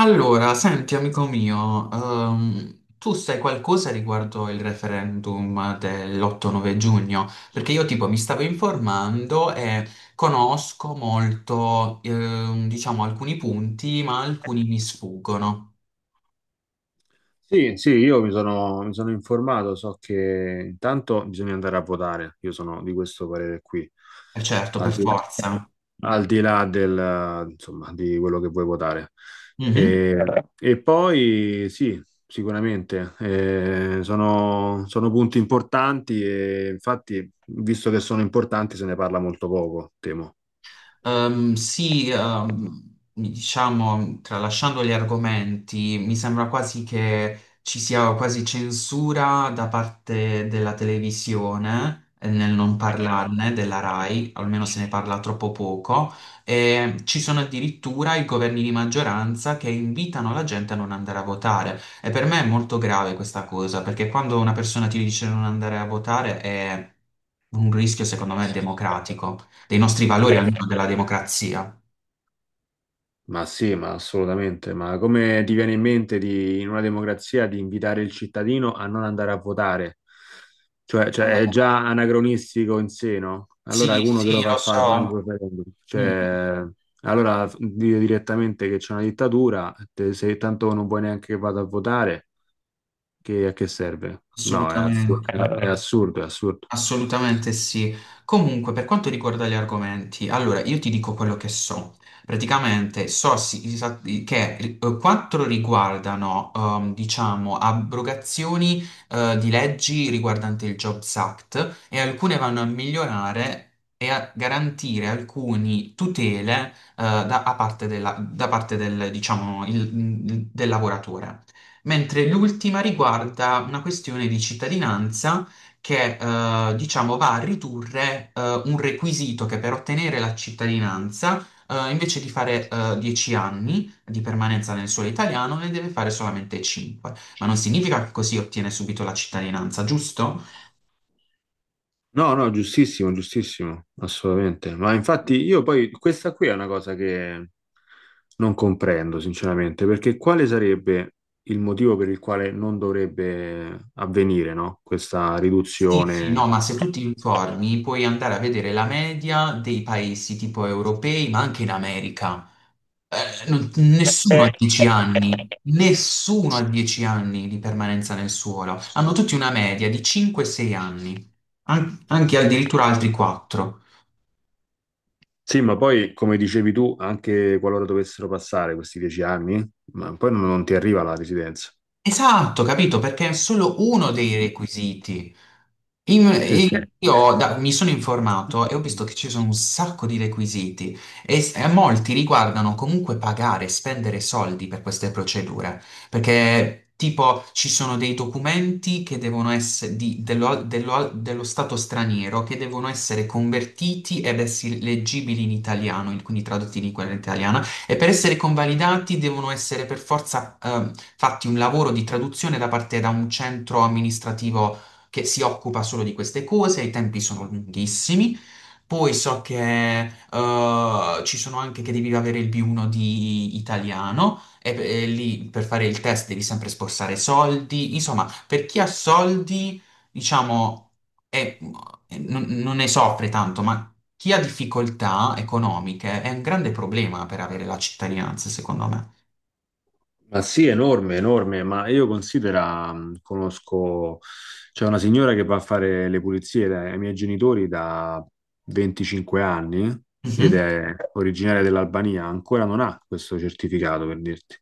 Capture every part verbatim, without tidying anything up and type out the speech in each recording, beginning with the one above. Allora, senti amico mio, ehm, tu sai qualcosa riguardo il referendum dell'otto nove giugno? Perché io tipo mi stavo informando e conosco molto, ehm, diciamo, alcuni punti, ma alcuni mi sfuggono. Sì, sì, io mi sono, mi sono informato, so che intanto bisogna andare a votare. Io sono di questo parere qui, Eh certo, al per di là, forza. al di là del, insomma, di quello che vuoi votare. Mhm. E, e poi sì, sicuramente, eh, sono, sono punti importanti e infatti, visto che sono importanti, se ne parla molto poco, temo. Ehm, sì, ehm, diciamo, tralasciando gli argomenti, mi sembra quasi che ci sia quasi censura da parte della televisione eh, nel non parlarne della RAI, almeno se ne parla troppo poco, e ci sono addirittura i governi di maggioranza che invitano la gente a non andare a votare. E per me è molto grave questa cosa, perché quando una persona ti dice di non andare a votare è un rischio, secondo me, democratico dei nostri valori, almeno della democrazia. Ma sì, ma assolutamente. Ma come ti viene in mente, di, in una democrazia, di invitare il cittadino a non andare a votare? Cioè, cioè, è Ah, già anacronistico in sé, no? sì, Allora uno che lo sì, fa lo fare il so. referendum. Mm, Cioè, allora dire direttamente che c'è una dittatura, te- se tanto non vuoi neanche che vada a votare, che, a che serve? No, è assurdo, assolutamente. è è assurdo, è assurdo. Assolutamente sì. Comunque, per quanto riguarda gli argomenti, allora io ti dico quello che so. Praticamente so sì- sa- che eh, quattro riguardano, ehm, diciamo, abrogazioni, eh, di leggi riguardanti il Jobs Act e alcune vanno a migliorare e a garantire alcune tutele, eh, da, a parte della- da parte del, diciamo, il- del lavoratore. Mentre l'ultima riguarda una questione di cittadinanza che eh, diciamo va a ridurre eh, un requisito che per ottenere la cittadinanza, eh, invece di fare eh, dieci anni di permanenza nel suolo italiano, ne deve fare solamente cinque. Ma non significa che così ottiene subito la cittadinanza, giusto? No, no, giustissimo, giustissimo, assolutamente. Ma infatti io poi, questa qui è una cosa che non comprendo, sinceramente, perché quale sarebbe il motivo per il quale non dovrebbe avvenire, no? Questa Sì, sì, no, riduzione. ma se tu ti informi puoi andare a vedere la media dei paesi tipo europei, ma anche in America. Eh, non- nessuno ha dieci Eh, anni, nessuno ha dieci anni di permanenza nel suolo. Hanno tutti una media di cinque sei anni, An- anche addirittura altri quattro. Sì, ma poi, come dicevi tu, anche qualora dovessero passare questi dieci anni, ma poi non, non ti arriva la residenza. Esatto, capito? Perché è solo uno dei requisiti. In- Sì, sì. E io da- mi sono informato e ho visto che ci sono un sacco di requisiti e, s- e molti riguardano comunque pagare, spendere soldi per queste procedure, perché tipo ci sono dei documenti che devono essere di- dello, dello- dello stato straniero che devono essere convertiti ed essere leggibili in italiano, in- quindi tradotti in lingua italiana, e per essere convalidati devono essere per forza ehm, fatti un lavoro di traduzione da parte da un centro amministrativo che si occupa solo di queste cose, i tempi sono lunghissimi. Poi so che eh, ci sono anche che devi avere il B uno di italiano e, e lì per fare il test devi sempre sborsare soldi. Insomma, per chi ha soldi, diciamo, è- non, non ne soffre tanto, ma chi ha difficoltà economiche è un grande problema per avere la cittadinanza, secondo me. Ma sì, enorme, enorme, ma io considera, mh, conosco, c'è una signora che va a fare le pulizie dai- ai miei genitori da venticinque anni ed Mhm. è originaria dell'Albania, ancora non ha questo certificato per dirti.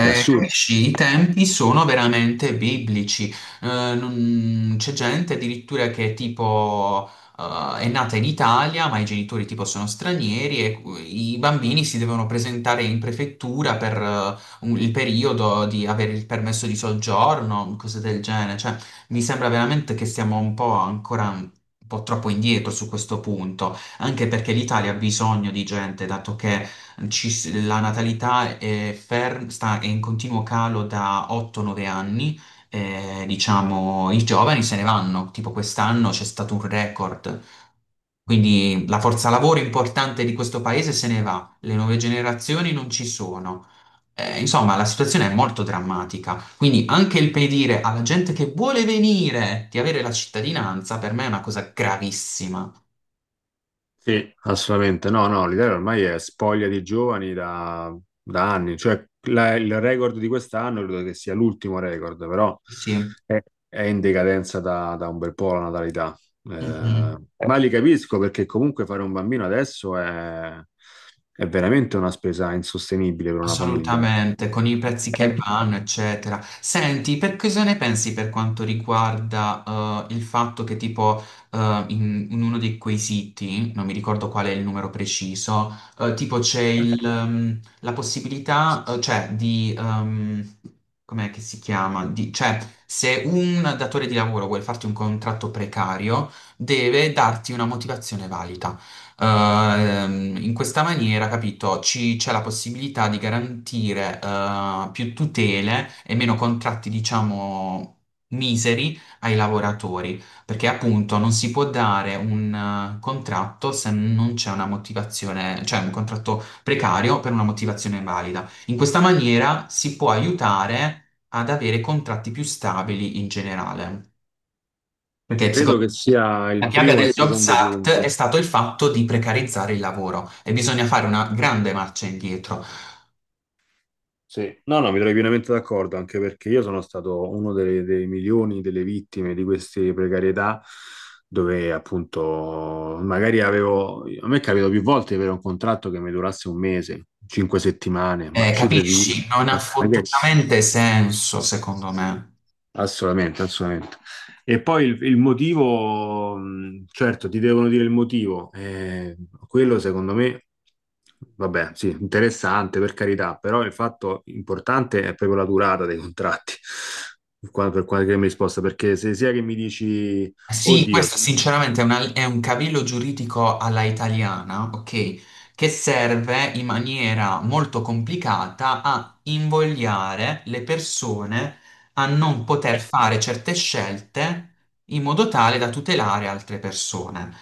È assurdo. capisci, i tempi sono veramente biblici. Eh, non- C'è gente addirittura che tipo eh, è nata in Italia, ma i genitori tipo sono stranieri e i bambini si devono presentare in prefettura per eh, un- il periodo di avere il permesso di soggiorno, cose del genere. Cioè, mi sembra veramente che stiamo un po' ancora un po' troppo indietro su questo punto, anche perché l'Italia ha bisogno di gente, dato che ci s- la natalità è, fer- sta- è in continuo calo da otto nove anni, eh, diciamo i giovani se ne vanno, tipo quest'anno c'è stato un record, quindi la forza lavoro importante di questo paese se ne va, le nuove generazioni non ci sono. Eh, insomma, la situazione è molto drammatica, quindi anche il pedire alla gente che vuole venire di avere la cittadinanza per me è una cosa gravissima. Sì, assolutamente. No, no, l'Italia ormai è spoglia di giovani da, da anni. Cioè, la- il record di quest'anno credo che sia l'ultimo record, però Sì. è, è in decadenza da, da un bel po' la natalità. Eh, Mhm. Eh, ma li capisco perché comunque fare un bambino adesso è, è veramente una spesa insostenibile per una famiglia. Assolutamente, con i prezzi che Eh. vanno, eccetera. Senti, per cosa ne pensi per quanto riguarda eh, il fatto che tipo eh, in, in uno di quei siti, non mi ricordo qual è il numero preciso, eh, tipo c'è il, ehm, la possibilità, eh, cioè di, ehm, com'è che si chiama? Di- cioè se un datore di lavoro vuole farti un contratto precario, deve darti una motivazione valida ehm, in questa maniera, capito, ci- c'è la possibilità di garantire eh, più tutele e meno contratti, diciamo, miseri ai lavoratori, perché appunto non si può dare un eh, contratto se non c'è una motivazione, cioè un contratto precario per una motivazione valida. In questa maniera si può aiutare ad avere contratti più stabili in generale. Perché Credo secondo che sia la il piaga primo e del il Jobs secondo Act è punto. stato il fatto di precarizzare il lavoro e bisogna fare una grande marcia indietro. Sì, no, no, mi trovi pienamente d'accordo, anche perché io sono stato uno delle- dei milioni delle vittime di queste precarietà, dove appunto magari avevo, a me è capitato più volte di avere un contratto che mi durasse un mese, cinque settimane, ma Eh, cifre di... capisci? Non ha ma che- fottutamente senso, secondo me. Assolutamente, assolutamente. E poi il, il motivo, mh, certo, ti devono dire il motivo. eh, quello secondo me, vabbè, sì, interessante per carità, però il fatto importante è proprio la durata dei contratti, qua- per qualche mi risposta, perché se sia che mi dici, Sì, oddio, questo sì, sinceramente è, una- è un cavillo giuridico alla italiana, ok, che serve in maniera molto complicata a invogliare le persone a non poter fare certe scelte in modo tale da tutelare altre persone.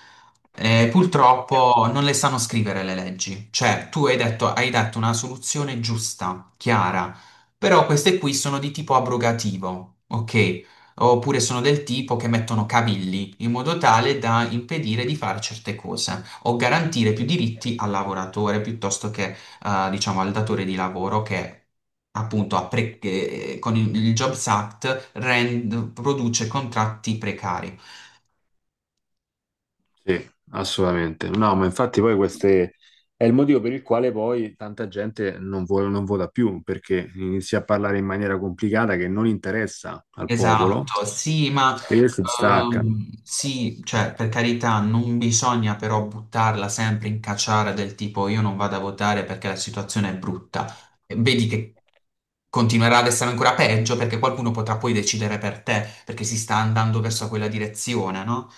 Eh, purtroppo non le sanno scrivere le leggi, cioè tu hai detto, hai dato una soluzione giusta, chiara, però queste qui sono di tipo abrogativo, ok? Oppure sono del tipo che mettono cavilli in modo tale da impedire di fare certe cose o garantire più diritti al lavoratore piuttosto che, eh, diciamo, al datore di lavoro che appunto ha pre- che, eh, con il, il Jobs Act rend- produce contratti precari. assolutamente. No, ma infatti poi queste... È il motivo per il quale poi tanta gente non, vuole- non vota più, perché inizia a parlare in maniera complicata che non interessa al popolo Esatto, sì, ma e si staccano. ehm, sì, cioè per carità non bisogna però buttarla sempre in cacciara del tipo io non vado a votare perché la situazione è brutta. Vedi che continuerà ad essere ancora peggio perché qualcuno potrà poi decidere per te, perché si sta andando verso quella direzione, no?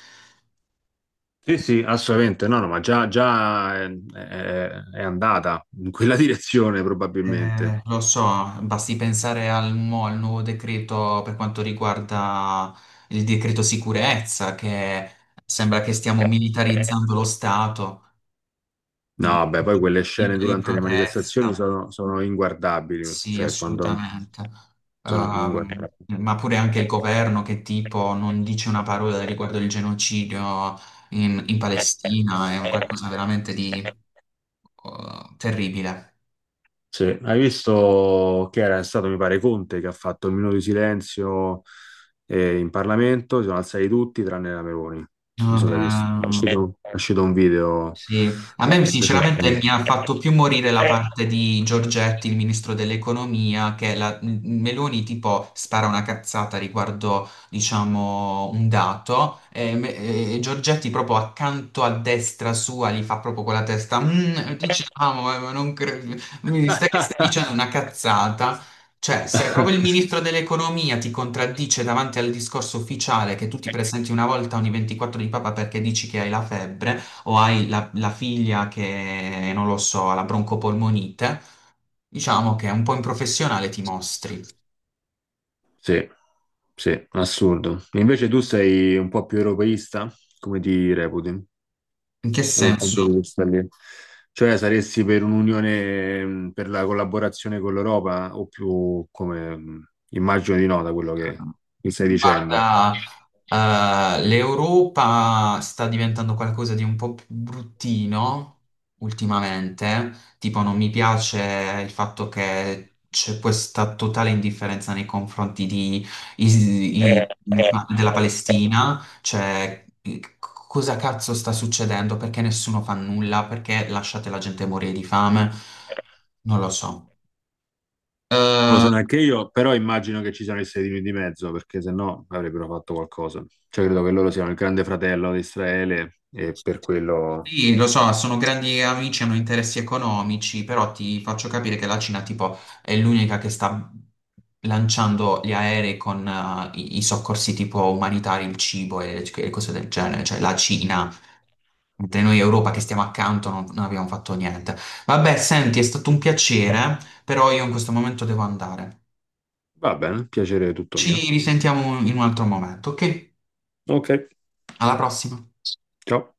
Sì, sì, assolutamente, no, no, ma già, già è, è- è andata in quella direzione probabilmente. Eh, lo so, basti pensare al, mo- al nuovo decreto per quanto riguarda il decreto sicurezza, che sembra che stiamo militarizzando lo Stato, No, beh, poi quelle scene diritto di durante le manifestazioni protesta. sono, sono inguardabili, Sì, cioè quando assolutamente. sono Ehm, inguardabili. ma pure anche il governo che tipo non dice una parola riguardo il genocidio in, in Palestina è un qualcosa veramente di eh, terribile. Sì, hai visto che era stato, mi pare, Conte che ha fatto un minuto di silenzio eh, in Parlamento, si sono alzati tutti tranne la Meloni. Non so se hai Vabbè. visto. È uscito, è uscito un video Sì, a me sinceramente recentemente. mi ha fatto più morire la parte di Giorgetti, il ministro dell'economia, che la Meloni tipo spara una cazzata riguardo, diciamo, un dato e, me- e Giorgetti proprio accanto a destra sua gli fa proprio con la testa, "Mm, diciamo, eh, ma non credo, mi stai, stai dicendo una cazzata." Cioè, se proprio il ministro dell'economia ti contraddice davanti al discorso ufficiale che tu ti presenti una volta ogni ventiquattro di papa perché dici che hai la febbre, o hai la, la figlia che, non lo so, ha la broncopolmonite, diciamo che un po' in professionale ti mostri. Sì, sì, assurdo. Invece tu sei un po' più europeista? Come ti reputi? In che Da quel punto senso? di vista lì. Cioè, saresti per un'unione, mh, per la collaborazione con l'Europa, o più come, mh, immagino di no, da quello che mi stai dicendo. Guarda, eh, l'Europa sta diventando qualcosa di un po' più bruttino ultimamente, tipo non mi piace il fatto che c'è questa totale indifferenza nei confronti di- i- i- della Palestina, cioè eh, cosa cazzo sta succedendo, perché nessuno fa nulla, perché lasciate la gente morire di fame, non lo so. Non lo so neanche io, però immagino che ci siano gli Stati Uniti di mezzo, perché se no avrebbero fatto qualcosa. Cioè, credo che loro siano il grande fratello di Israele e per quello... Sì, lo so, sono grandi amici, hanno interessi economici, però ti faccio capire che la Cina, tipo, è l'unica che sta lanciando gli aerei con eh, i, i soccorsi tipo umanitari, il cibo e, e cose del genere, cioè la Cina, mentre noi Europa che stiamo accanto non, non abbiamo fatto niente. Vabbè, senti, è stato un piacere, però io in questo momento devo andare. Va bene, piacere tutto mio. Ci risentiamo in un altro momento, ok? Ok, Alla prossima. ciao.